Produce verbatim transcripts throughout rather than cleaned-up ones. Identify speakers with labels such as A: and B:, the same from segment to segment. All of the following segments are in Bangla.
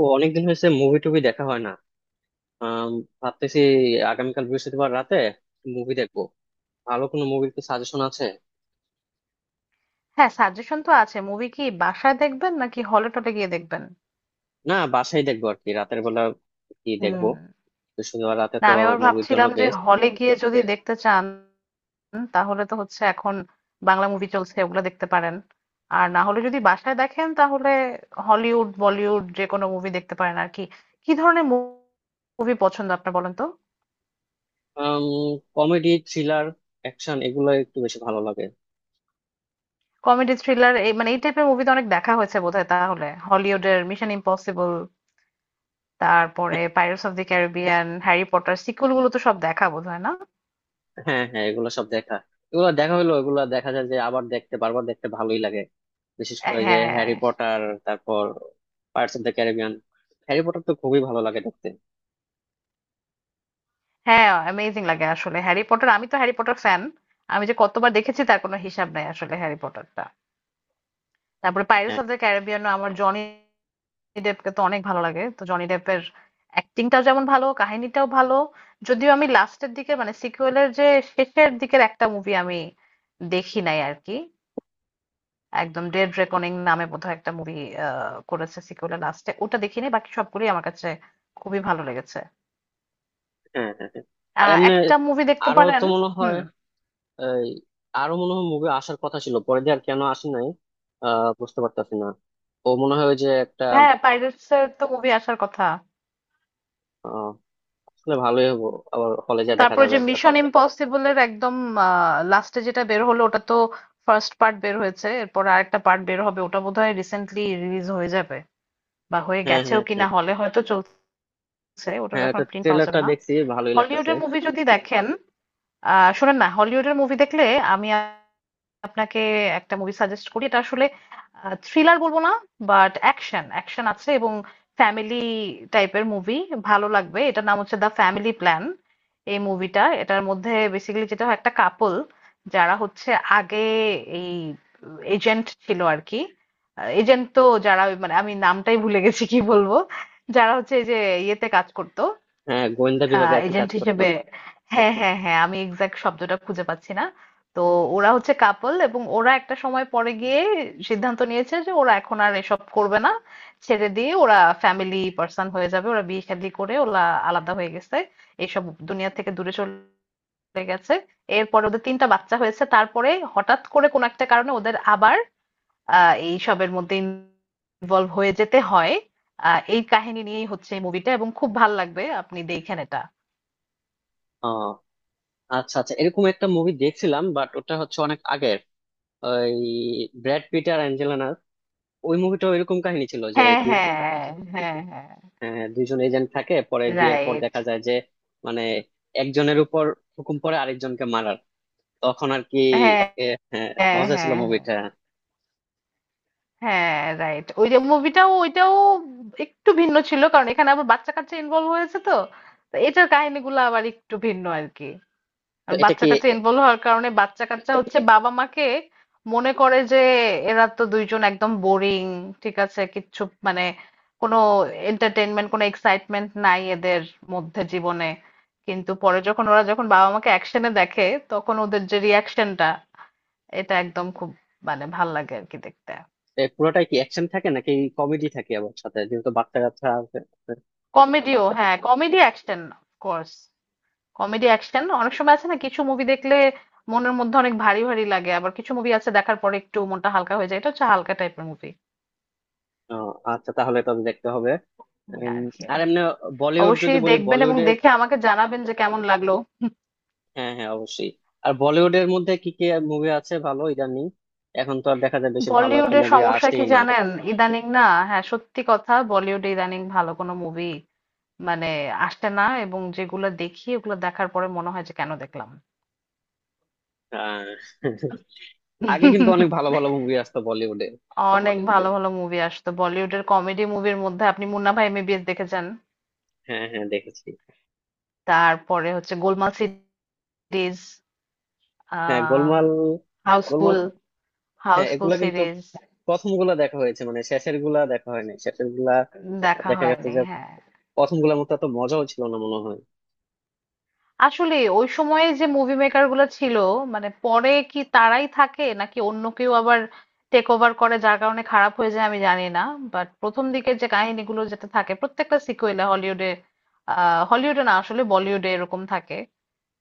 A: ও, অনেকদিন হয়েছে মুভি টুভি দেখা হয় না। আম, ভাবতেছি আগামীকাল বৃহস্পতিবার রাতে মুভি দেখবো। ভালো কোনো মুভির কি সাজেশন আছে?
B: হ্যাঁ, সাজেশন তো আছে। মুভি কি বাসায় দেখবেন নাকি হলে টলে গিয়ে দেখবেন?
A: না, বাসায় দেখবো আর কি, রাতের বেলা কি
B: হুম।
A: দেখবো? বৃহস্পতিবার রাতে
B: না,
A: তো
B: আমি আবার
A: মুভির জন্য
B: ভাবছিলাম যে
A: বেস্ট।
B: হলে গিয়ে যদি দেখতে চান তাহলে তো হচ্ছে এখন বাংলা মুভি চলছে, ওগুলো দেখতে পারেন। আর না হলে যদি বাসায় দেখেন তাহলে হলিউড বলিউড যে কোনো মুভি দেখতে পারেন আর কি। কি ধরনের মুভি পছন্দ আপনার, বলেন তো?
A: কমেডি, থ্রিলার, অ্যাকশন এগুলো একটু বেশি ভালো লাগে।
B: কমেডি থ্রিলার এই মানে এই টাইপের মুভি তো অনেক দেখা হয়েছে বোধহয়। তাহলে হলিউডের মিশন ইম্পসিবল, তারপরে pirates of the Caribbean, Harry Potter sequel গুলো তো সব দেখা বোধহয়, না?
A: হ্যাঁ হ্যাঁ, এগুলো সব দেখা। এগুলো দেখা হলো, এগুলো দেখা যায় যে, আবার দেখতে বারবার দেখতে ভালোই লাগে। বিশেষ করে যে হ্যারি
B: হ্যাঁ
A: পটার, তারপর Pirates of the Caribbean, Harry Potter তো খুবই ভালো লাগে দেখতে।
B: হ্যাঁ, অ্যামেজিং লাগে আসলে হ্যারি পটার, আমি তো হ্যারি পটার ফ্যান। আমি যে কতবার দেখেছি তার কোনো হিসাব নাই আসলে হ্যারি পটারটা। তারপরে পাইরেটস অফ দ্য ক্যারিবিয়ান, আমার জনি ডেপকে তো অনেক ভালো লাগে, তো জনি ডেপের অ্যাক্টিংটাও যেমন ভালো, কাহিনীটাও ভালো। যদিও আমি লাস্টের দিকে মানে সিকুয়েলের যে শেষের দিকের একটা মুভি আমি দেখি নাই আর কি। একদম ডেড রেকনিং নামে বোধহয় একটা মুভি করেছে সিকুয়েলের লাস্টে, ওটা দেখিনি, বাকি সবগুলোই আমার কাছে খুবই ভালো লেগেছে।
A: হ্যাঁ হ্যাঁ হ্যাঁ। আর
B: আহ,
A: এমনি
B: একটা মুভি দেখতে
A: আরো
B: পারেন।
A: তো মনে হয়,
B: হুম।
A: এই আরো মনে হয় মুভি আসার কথা ছিল পরে, দিয়ে আর কেন আসে নাই। আহ বুঝতে পারতাছি না। ও মনে হয় ওই যে একটা।
B: হ্যাঁ, পাইরেটস এর তো মুভি আসার কথা।
A: আহ, আসলে ভালোই হবো, আবার হলে যা দেখা
B: তারপর
A: যাবে
B: যে
A: একসাথে।
B: মিশন ইম্পসিবলের একদম লাস্টে যেটা বের হলো ওটা তো ফার্স্ট পার্ট বের হয়েছে, এরপর আরেকটা পার্ট বের হবে, ওটা বোধহয় রিসেন্টলি রিলিজ হয়ে যাবে বা হয়ে
A: হ্যাঁ
B: গেছেও
A: হ্যাঁ হ্যাঁ।
B: কিনা, হলে হয়তো চলছে। ওটার
A: হ্যাঁ,
B: এখন
A: এটা
B: প্রিন্ট পাওয়া যাবে
A: ট্রেলারটা
B: না।
A: দেখছি, ভালোই লাগতেছে।
B: হলিউডের মুভি যদি দেখেন, আহ শোনেন না, হলিউডের মুভি দেখলে আমি আপনাকে একটা মুভি সাজেস্ট করি। এটা আসলে থ্রিলার বলবো না, বাট অ্যাকশন অ্যাকশন আছে এবং ফ্যামিলি টাইপের মুভি, ভালো লাগবে। এটার নাম হচ্ছে দ্য ফ্যামিলি প্ল্যান। এই মুভিটা, এটার মধ্যে বেসিক্যালি যেটা হয়, একটা কাপল যারা হচ্ছে আগে এই এজেন্ট ছিল আর কি। এজেন্ট তো যারা ওই মানে আমি নামটাই ভুলে গেছি, কি বলবো, যারা হচ্ছে এই যে ইয়েতে কাজ করতো।
A: হ্যাঁ, গোয়েন্দা বিভাগে
B: আহ
A: আর কি কাজ
B: এজেন্ট
A: করতো।
B: হিসেবে হ্যাঁ হ্যাঁ হ্যাঁ, আমি এক্সাক্ট শব্দটা খুঁজে পাচ্ছি না। তো ওরা হচ্ছে কাপল, এবং ওরা একটা সময় পরে গিয়ে সিদ্ধান্ত নিয়েছে যে ওরা এখন আর এসব করবে না, ছেড়ে দিয়ে ওরা ফ্যামিলি পার্সন হয়ে যাবে। ওরা বিয়ে শাদী করে ওরা আলাদা হয়ে গেছে, এইসব দুনিয়া থেকে দূরে চলে গেছে। এরপরে ওদের তিনটা বাচ্চা হয়েছে, তারপরে হঠাৎ করে কোনো একটা কারণে ওদের আবার আহ এইসবের মধ্যে ইনভলভ হয়ে যেতে হয়। আহ এই কাহিনী নিয়েই হচ্ছে মুভিটা, এবং খুব ভাল লাগবে, আপনি দেখেন এটা।
A: ও আচ্ছা আচ্ছা, এরকম একটা মুভি দেখছিলাম, বাট ওটা হচ্ছে অনেক আগের। ওই ব্র্যাড পিট আর অ্যাঞ্জেলিনার ওই মুভিটা, এরকম কাহিনী ছিল যে,
B: হ্যাঁ, হ্যাঁ, হ্যাঁ, হ্যাঁ,
A: হ্যাঁ, দুইজন এজেন্ট থাকে, পরে বিয়ের পর দেখা
B: right.
A: যায় যে মানে একজনের উপর হুকুম পড়ে আরেকজনকে মারার, তখন আর কি।
B: হ্যাঁ,
A: এ, হ্যাঁ
B: হ্যাঁ,
A: মজা ছিল
B: হ্যাঁ,
A: মুভিটা।
B: হ্যাঁ, right. ওই যে মুভিটাও, ওইটাও একটু ভিন্ন ছিল কারণ এখানে আবার বাচ্চা কাচ্চা ইনভলভ হয়েছে, তো তো এটার কাহিনীগুলো আবার একটু ভিন্ন আর কি।
A: তো
B: আর
A: এটা
B: বাচ্চা
A: কি,
B: কাচ্চা
A: এ,
B: ইনভলভ হওয়ার কারণে বাচ্চা কাচ্চা হচ্ছে বাবা মাকে মনে করে যে এরা তো দুইজন একদম বোরিং, ঠিক আছে, কিচ্ছু মানে কোনো এন্টারটেনমেন্ট, কোনো এক্সাইটমেন্ট নাই এদের মধ্যে জীবনে। কিন্তু পরে যখন ওরা, যখন বাবা মাকে অ্যাকশনে দেখে, তখন ওদের যে রিয়াকশনটা, এটা একদম খুব মানে ভাল লাগে আর কি দেখতে।
A: এ, পুরোটাই কি অ্যাকশন থাকে নাকি কমেডি থাকে আবার সাথে, যেহেতু বাচ্চা কাচ্চা আছে।
B: কমেডিও, হ্যাঁ, comedy action of course. Comedy action, অনেক সময় আছে না, কিছু মুভি দেখলে মনের মধ্যে অনেক ভারী ভারী লাগে, আবার কিছু মুভি আছে দেখার পরে একটু মনটা হালকা হয়ে যায়, এটা হচ্ছে হালকা টাইপের মুভি
A: ও, আচ্ছা তাহলে তবে দেখতে হবে। উম,
B: আর কি।
A: আর এমনি বলিউড যদি
B: অবশ্যই
A: বলি,
B: দেখবেন এবং
A: বলিউডে
B: দেখে আমাকে জানাবেন যে কেমন লাগলো।
A: হ্যাঁ হ্যাঁ অবশ্যই। আর বলিউডের মধ্যে কি কি মুভি আছে ভালো ইদানিং? এখন তো আর দেখা যায় বেশি, ভালো একটা
B: বলিউডের
A: মুভি
B: সমস্যা কি
A: আসেই না।
B: জানেন, ইদানিং না, হ্যাঁ সত্যি কথা, বলিউডে ইদানিং ভালো কোনো মুভি মানে আসছে না, এবং যেগুলো দেখি ওগুলো দেখার পরে মনে হয় যে কেন দেখলাম।
A: আহ, আগে কিন্তু অনেক ভালো ভালো মুভি আসতো বলিউডে।
B: অনেক ভালো ভালো মুভি আসতো বলিউডের। কমেডি মুভির মধ্যে আপনি মুন্না ভাই এম বি বি এস দেখে যান,
A: হ্যাঁ হ্যাঁ দেখেছি।
B: তারপরে হচ্ছে গোলমাল সিরিজ,
A: হ্যাঁ
B: আহ
A: গোলমাল। গোলমাল।
B: হাউসফুল,
A: হ্যাঁ
B: হাউসফুল
A: এগুলা কিন্তু
B: সিরিজ।
A: প্রথম গুলা দেখা হয়েছে, মানে শেষের গুলা দেখা হয়নি। শেষের গুলা
B: দেখা
A: দেখা গেছে
B: হয়নি
A: যে
B: হ্যাঁ।
A: প্রথম গুলার মতো এত মজাও ছিল না মনে হয়।
B: আসলে ওই সময়ে যে মুভি মেকার গুলো ছিল, মানে পরে কি তারাই থাকে নাকি অন্য কেউ আবার টেক ওভার করে, যার কারণে খারাপ হয়ে যায়, আমি জানি না। বাট প্রথম দিকের যে কাহিনীগুলো যেটা থাকে প্রত্যেকটা সিকুয়েলে হলিউডে, আহ হলিউডে না আসলে বলিউডে, এরকম থাকে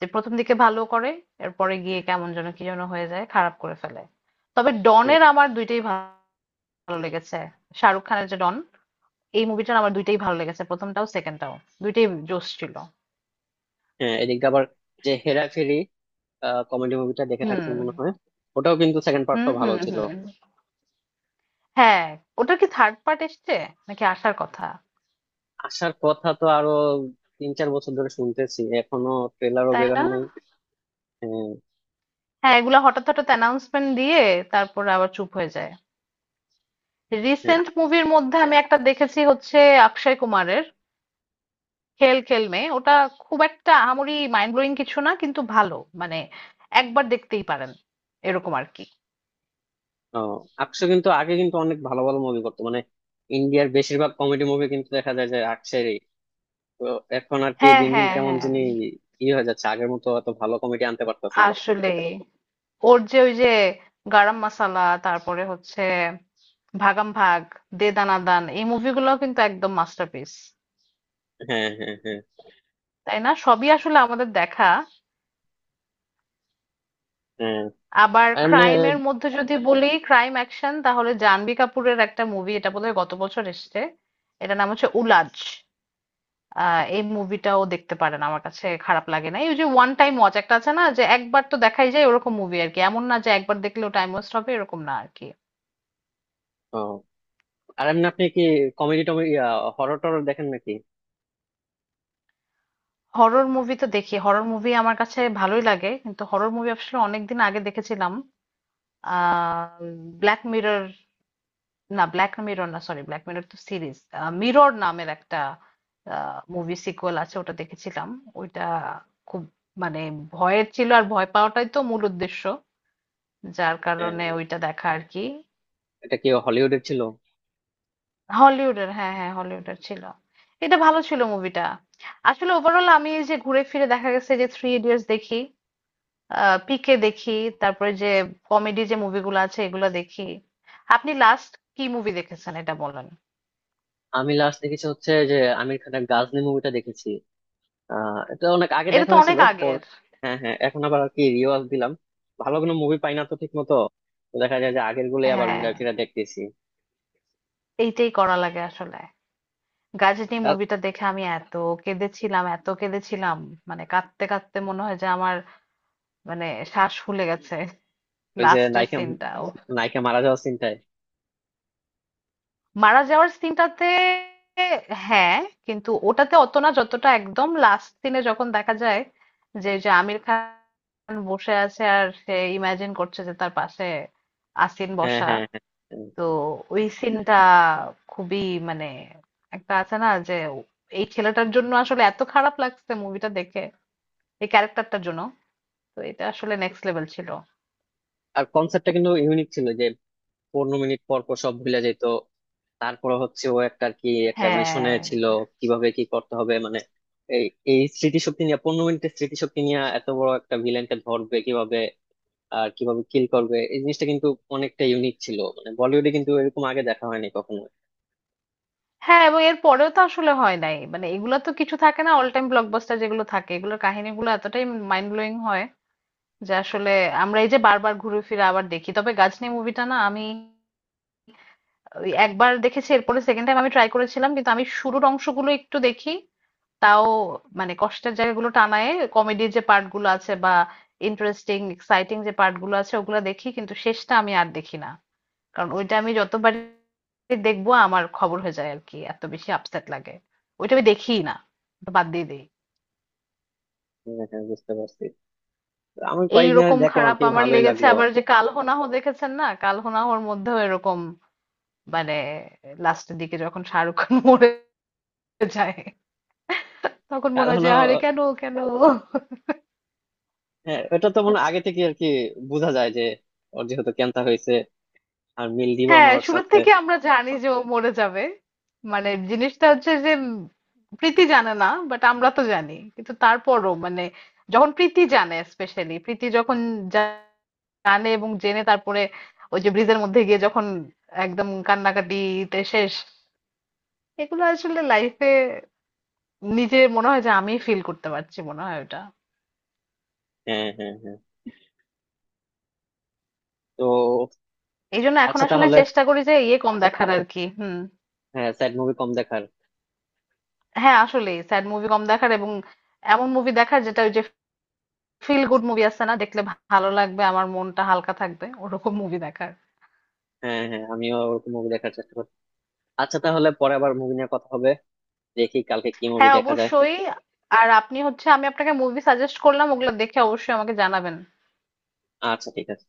B: যে প্রথম দিকে ভালো করে, এরপরে গিয়ে কেমন যেন কি যেন হয়ে যায়, খারাপ করে ফেলে। তবে
A: হ্যাঁ,
B: ডনের আমার দুইটাই ভালো লেগেছে। শাহরুখ খানের যে ডন, এই মুভিটার আমার দুইটাই ভালো লেগেছে, প্রথমটাও সেকেন্ডটাও, দুইটাই জোশ ছিল।
A: হ্যাঁ এদিকে আবার যে হেরাফেরি কমেডি মুভিটা দেখে
B: হুম
A: থাকছেন মনে হয়। ওটাও কিন্তু সেকেন্ড
B: হুম
A: পার্টটা ভালো
B: হুম।
A: ছিল।
B: হুম। হ্যাঁ। ওটা কি থার্ড পার্ট এসছে নাকি আসার কথা?
A: আসার কথা তো আরো তিন চার বছর ধরে শুনতেছি, এখনো ট্রেলারও
B: তাই
A: বের
B: না?
A: হয় নাই। হ্যাঁ।
B: হ্যাঁ, এগুলা হঠাৎ হঠাৎ অ্যানাউন্সমেন্ট দিয়ে তারপর আবার চুপ হয়ে যায়।
A: হ্যাঁ,
B: রিসেন্ট মুভির মধ্যে আমি একটা দেখেছি হচ্ছে অক্ষয় কুমারের খেল খেল মে। ওটা খুব একটা আহামরি মাইন্ড ব্লোয়িং কিছু না, কিন্তু ভালো, মানে একবার দেখতেই পারেন এরকম আর কি।
A: ও আকশো কিন্তু আগে কিন্তু অনেক ভালো ভালো মুভি করতো। মানে ইন্ডিয়ার বেশিরভাগ কমেডি মুভি কিন্তু দেখা যায় যে আকশেরই। তো এখন আর কি
B: হ্যাঁ
A: দিন দিন
B: হ্যাঁ
A: কেমন
B: হ্যাঁ।
A: যিনি ই হয়ে যাচ্ছে, আগের মতো অত ভালো কমেডি আনতে পারতেছে না ঠিক, তো,
B: আসলে ওর যে ওই যে গারাম মাসালা, তারপরে হচ্ছে ভাগাম ভাগ, দে দানা দান, এই মুভিগুলো কিন্তু একদম মাস্টারপিস।
A: হ্যাঁ হ্যাঁ হ্যাঁ।
B: তাই না, সবই আসলে আমাদের দেখা।
A: হ্যাঁ,
B: আবার
A: আর এমনি।
B: ক্রাইমের মধ্যে যদি বলি, ক্রাইম অ্যাকশন, তাহলে জাহ্নবী কাপুরের একটা মুভি, এটা বোধহয় গত বছর এসেছে, এটার নাম হচ্ছে উলাজ। আহ, এই মুভিটাও দেখতে পারেন, আমার কাছে খারাপ লাগে না। এই যে ওয়ান টাইম ওয়াচ একটা আছে না, যে একবার তো দেখাই যায়, ওরকম মুভি আর কি। এমন না যে একবার দেখলে টাইম ওয়েস্ট হবে, এরকম না আর কি।
A: ও, আর এমনি আপনি কি কমেডি টমেডি, হরর টরর দেখেন নাকি?
B: হরর মুভি তো দেখি, হরর মুভি আমার কাছে ভালোই লাগে, কিন্তু হরর মুভি আসলে অনেকদিন আগে দেখেছিলাম। আহ ব্ল্যাক মিরর, না ব্ল্যাক মিরর না, সরি, ব্ল্যাক মিরর তো সিরিজ। মিরর নামের একটা মুভি সিকুয়েল আছে, ওটা দেখেছিলাম। ওইটা খুব মানে ভয়ের ছিল, আর ভয় পাওয়াটাই তো মূল উদ্দেশ্য, যার কারণে
A: আহ,
B: ওইটা দেখা আর কি।
A: এটা কি হলিউডের ছিল?
B: হলিউডের, হ্যাঁ হ্যাঁ, হলিউডের ছিল। এটা ভালো ছিল মুভিটা। আসলে ওভারঅল আমি এই যে ঘুরে ফিরে দেখা গেছে যে থ্রি ইডিয়টস দেখি, আহ পিকে দেখি, তারপরে যে কমেডি যে মুভিগুলো আছে এগুলো দেখি। আপনি লাস্ট কি মুভি দেখেছেন, এটা বলেন।
A: আমি লাস্ট দেখেছি হচ্ছে যে আমির খানের গাজনি মুভিটা দেখেছি। আহ, এটা অনেক আগে
B: এটা
A: দেখা
B: তো
A: হয়েছিল
B: অনেক
A: পর।
B: আগের।
A: হ্যাঁ হ্যাঁ, এখন আবার আর কি রিওয়াজ দিলাম। ভালো কোনো মুভি পাই না তো ঠিক মতো। তো দেখা যায় যে আগের গুলোই আবার
B: হ্যাঁ,
A: ঘুরে ফিরে দেখতেছি।
B: এইটাই করা লাগে আসলে। গাজনি
A: আর
B: মুভিটা দেখে আমি এত কেঁদেছিলাম, এত কেঁদেছিলাম, মানে কাঁদতে কাঁদতে মনে হয় যে আমার মানে শ্বাস ফুলে গেছে।
A: ওই যে
B: লাস্টের
A: নায়িকা,
B: সিনটা,
A: নায়িকা মারা যাওয়ার চিন্তায়।
B: মারা যাওয়ার সিনটাতে, হ্যাঁ। কিন্তু ওটাতে অত না, যতটা একদম লাস্ট সিনে যখন দেখা যায় যে, যে আমির খান বসে আছে আর সে ইমাজিন করছে যে তার পাশে আসিন
A: হ্যাঁ
B: বসা,
A: হ্যাঁ হ্যাঁ। হ্যাঁ।
B: তো ওই সিনটা খুবই মানে, একটা আছে না যে এই ছেলেটার জন্য আসলে এত খারাপ লাগছে মুভিটা দেখে, এই ক্যারেক্টারটার জন্য। তো এটা আসলে নেক্সট লেভেল ছিল।
A: আর কনসেপ্টটা কিন্তু ইউনিক ছিল যে পনেরো মিনিট পর পর সব ভুলে যেত। তারপরে হচ্ছে ও একটা আর কি একটা মিশনে
B: হ্যাঁ,
A: ছিল, কিভাবে কি করতে হবে, মানে এই এই স্মৃতিশক্তি নিয়ে, পনেরো মিনিটের স্মৃতিশক্তি নিয়ে এত বড় একটা ভিলেনকে ধরবে কিভাবে আর কিভাবে কিল করবে। এই জিনিসটা কিন্তু অনেকটা ইউনিক ছিল, মানে বলিউডে কিন্তু এরকম আগে দেখা হয়নি কখনো।
B: হ্যাঁ, এবং এর পরেও তো আসলে হয় নাই। মানে এগুলা তো কিছু থাকে না, অল টাইম ব্লকবাস্টার যেগুলো থাকে এগুলোর কাহিনীগুলো এতটাই মাইন্ড ব্লোয়িং হয় যে আসলে আমরা এই যে বারবার ঘুরে ফিরে আবার দেখি। তবে গাজনি মুভিটা না আমি ওই একবার দেখেছি, এরপরে সেকেন্ড টাইম আমি ট্রাই করেছিলাম, কিন্তু আমি শুরুর অংশগুলো একটু দেখি, তাও মানে কষ্টের জায়গাগুলো টানায়। কমেডির যে পার্ট গুলো আছে বা ইন্টারেস্টিং এক্সাইটিং যে পার্ট গুলো আছে ওগুলো দেখি, কিন্তু শেষটা আমি আর দেখি না। কারণ ওইটা আমি যতবারই দেখবো আমার খবর হয়ে যায় আর কি, এত বেশি আপসেট লাগে, ওইটা আমি দেখিই না, ওটা বাদ দিয়ে দিই।
A: উম, হ্যাঁ, বুঝতে পারছি। তো আমি কয়েকদিন
B: এইরকম
A: আগে দেখলাম আর
B: খারাপ
A: কি,
B: আমার
A: ভালোই
B: লেগেছে
A: লাগলো।
B: আবার, যে কাল হোনা হো দেখেছেন না, কাল হোনা হোর মধ্যেও এরকম, মানে লাস্টের দিকে যখন শাহরুখ খান মরে যায়, তখন মনে হয়
A: কারণ
B: যে আরে কেন, কেন?
A: হ্যাঁ, এটা তো মনে হয় আগে থেকে আর কি বোঝা যায় যে ওর যেহেতু ক্যান্সার হয়েছে আর মিল দিবন
B: হ্যাঁ,
A: ওর
B: শুরুর
A: সাথে।
B: থেকে আমরা জানি যে ও মরে যাবে, মানে জিনিসটা হচ্ছে যে উম, প্রীতি জানে না, বাট আমরা তো জানি, কিন্তু তারপরও মানে যখন প্রীতি জানে, স্পেশালি প্রীতি যখন জা- জানে এবং জেনে তারপরে ওই যে ব্রিজের মধ্যে গিয়ে যখন একদম কান্নাকাটিতে শেষ, এগুলো আসলে লাইফে নিজে মনে হয় যে আমি ফিল করতে পারছি, মনে হয় ওটা।
A: হ্যাঁ হ্যাঁ হ্যাঁ। তো
B: এই জন্য এখন
A: আচ্ছা
B: আসলে
A: তাহলে,
B: চেষ্টা করি যে ইয়ে কম দেখার আর কি। হুম।
A: হ্যাঁ স্যাড মুভি কম দেখার।
B: হ্যাঁ, আসলে স্যাড মুভি কম দেখার, এবং এমন মুভি দেখার যেটা ওই যে ফিল গুড মুভি আছে না, দেখলে ভালো লাগবে, আমার মনটা হালকা থাকবে, ওরকম মুভি দেখার।
A: হ্যাঁ হ্যাঁ, আমিও ওরকম মুভি দেখার চেষ্টা করছি। আচ্ছা তাহলে পরে আবার মুভি নিয়ে কথা হবে, দেখি কালকে কি মুভি
B: হ্যাঁ
A: দেখা যায়।
B: অবশ্যই। আর আপনি হচ্ছে, আমি আপনাকে মুভি সাজেস্ট করলাম, ওগুলো দেখে অবশ্যই আমাকে জানাবেন।
A: আচ্ছা ঠিক আছে।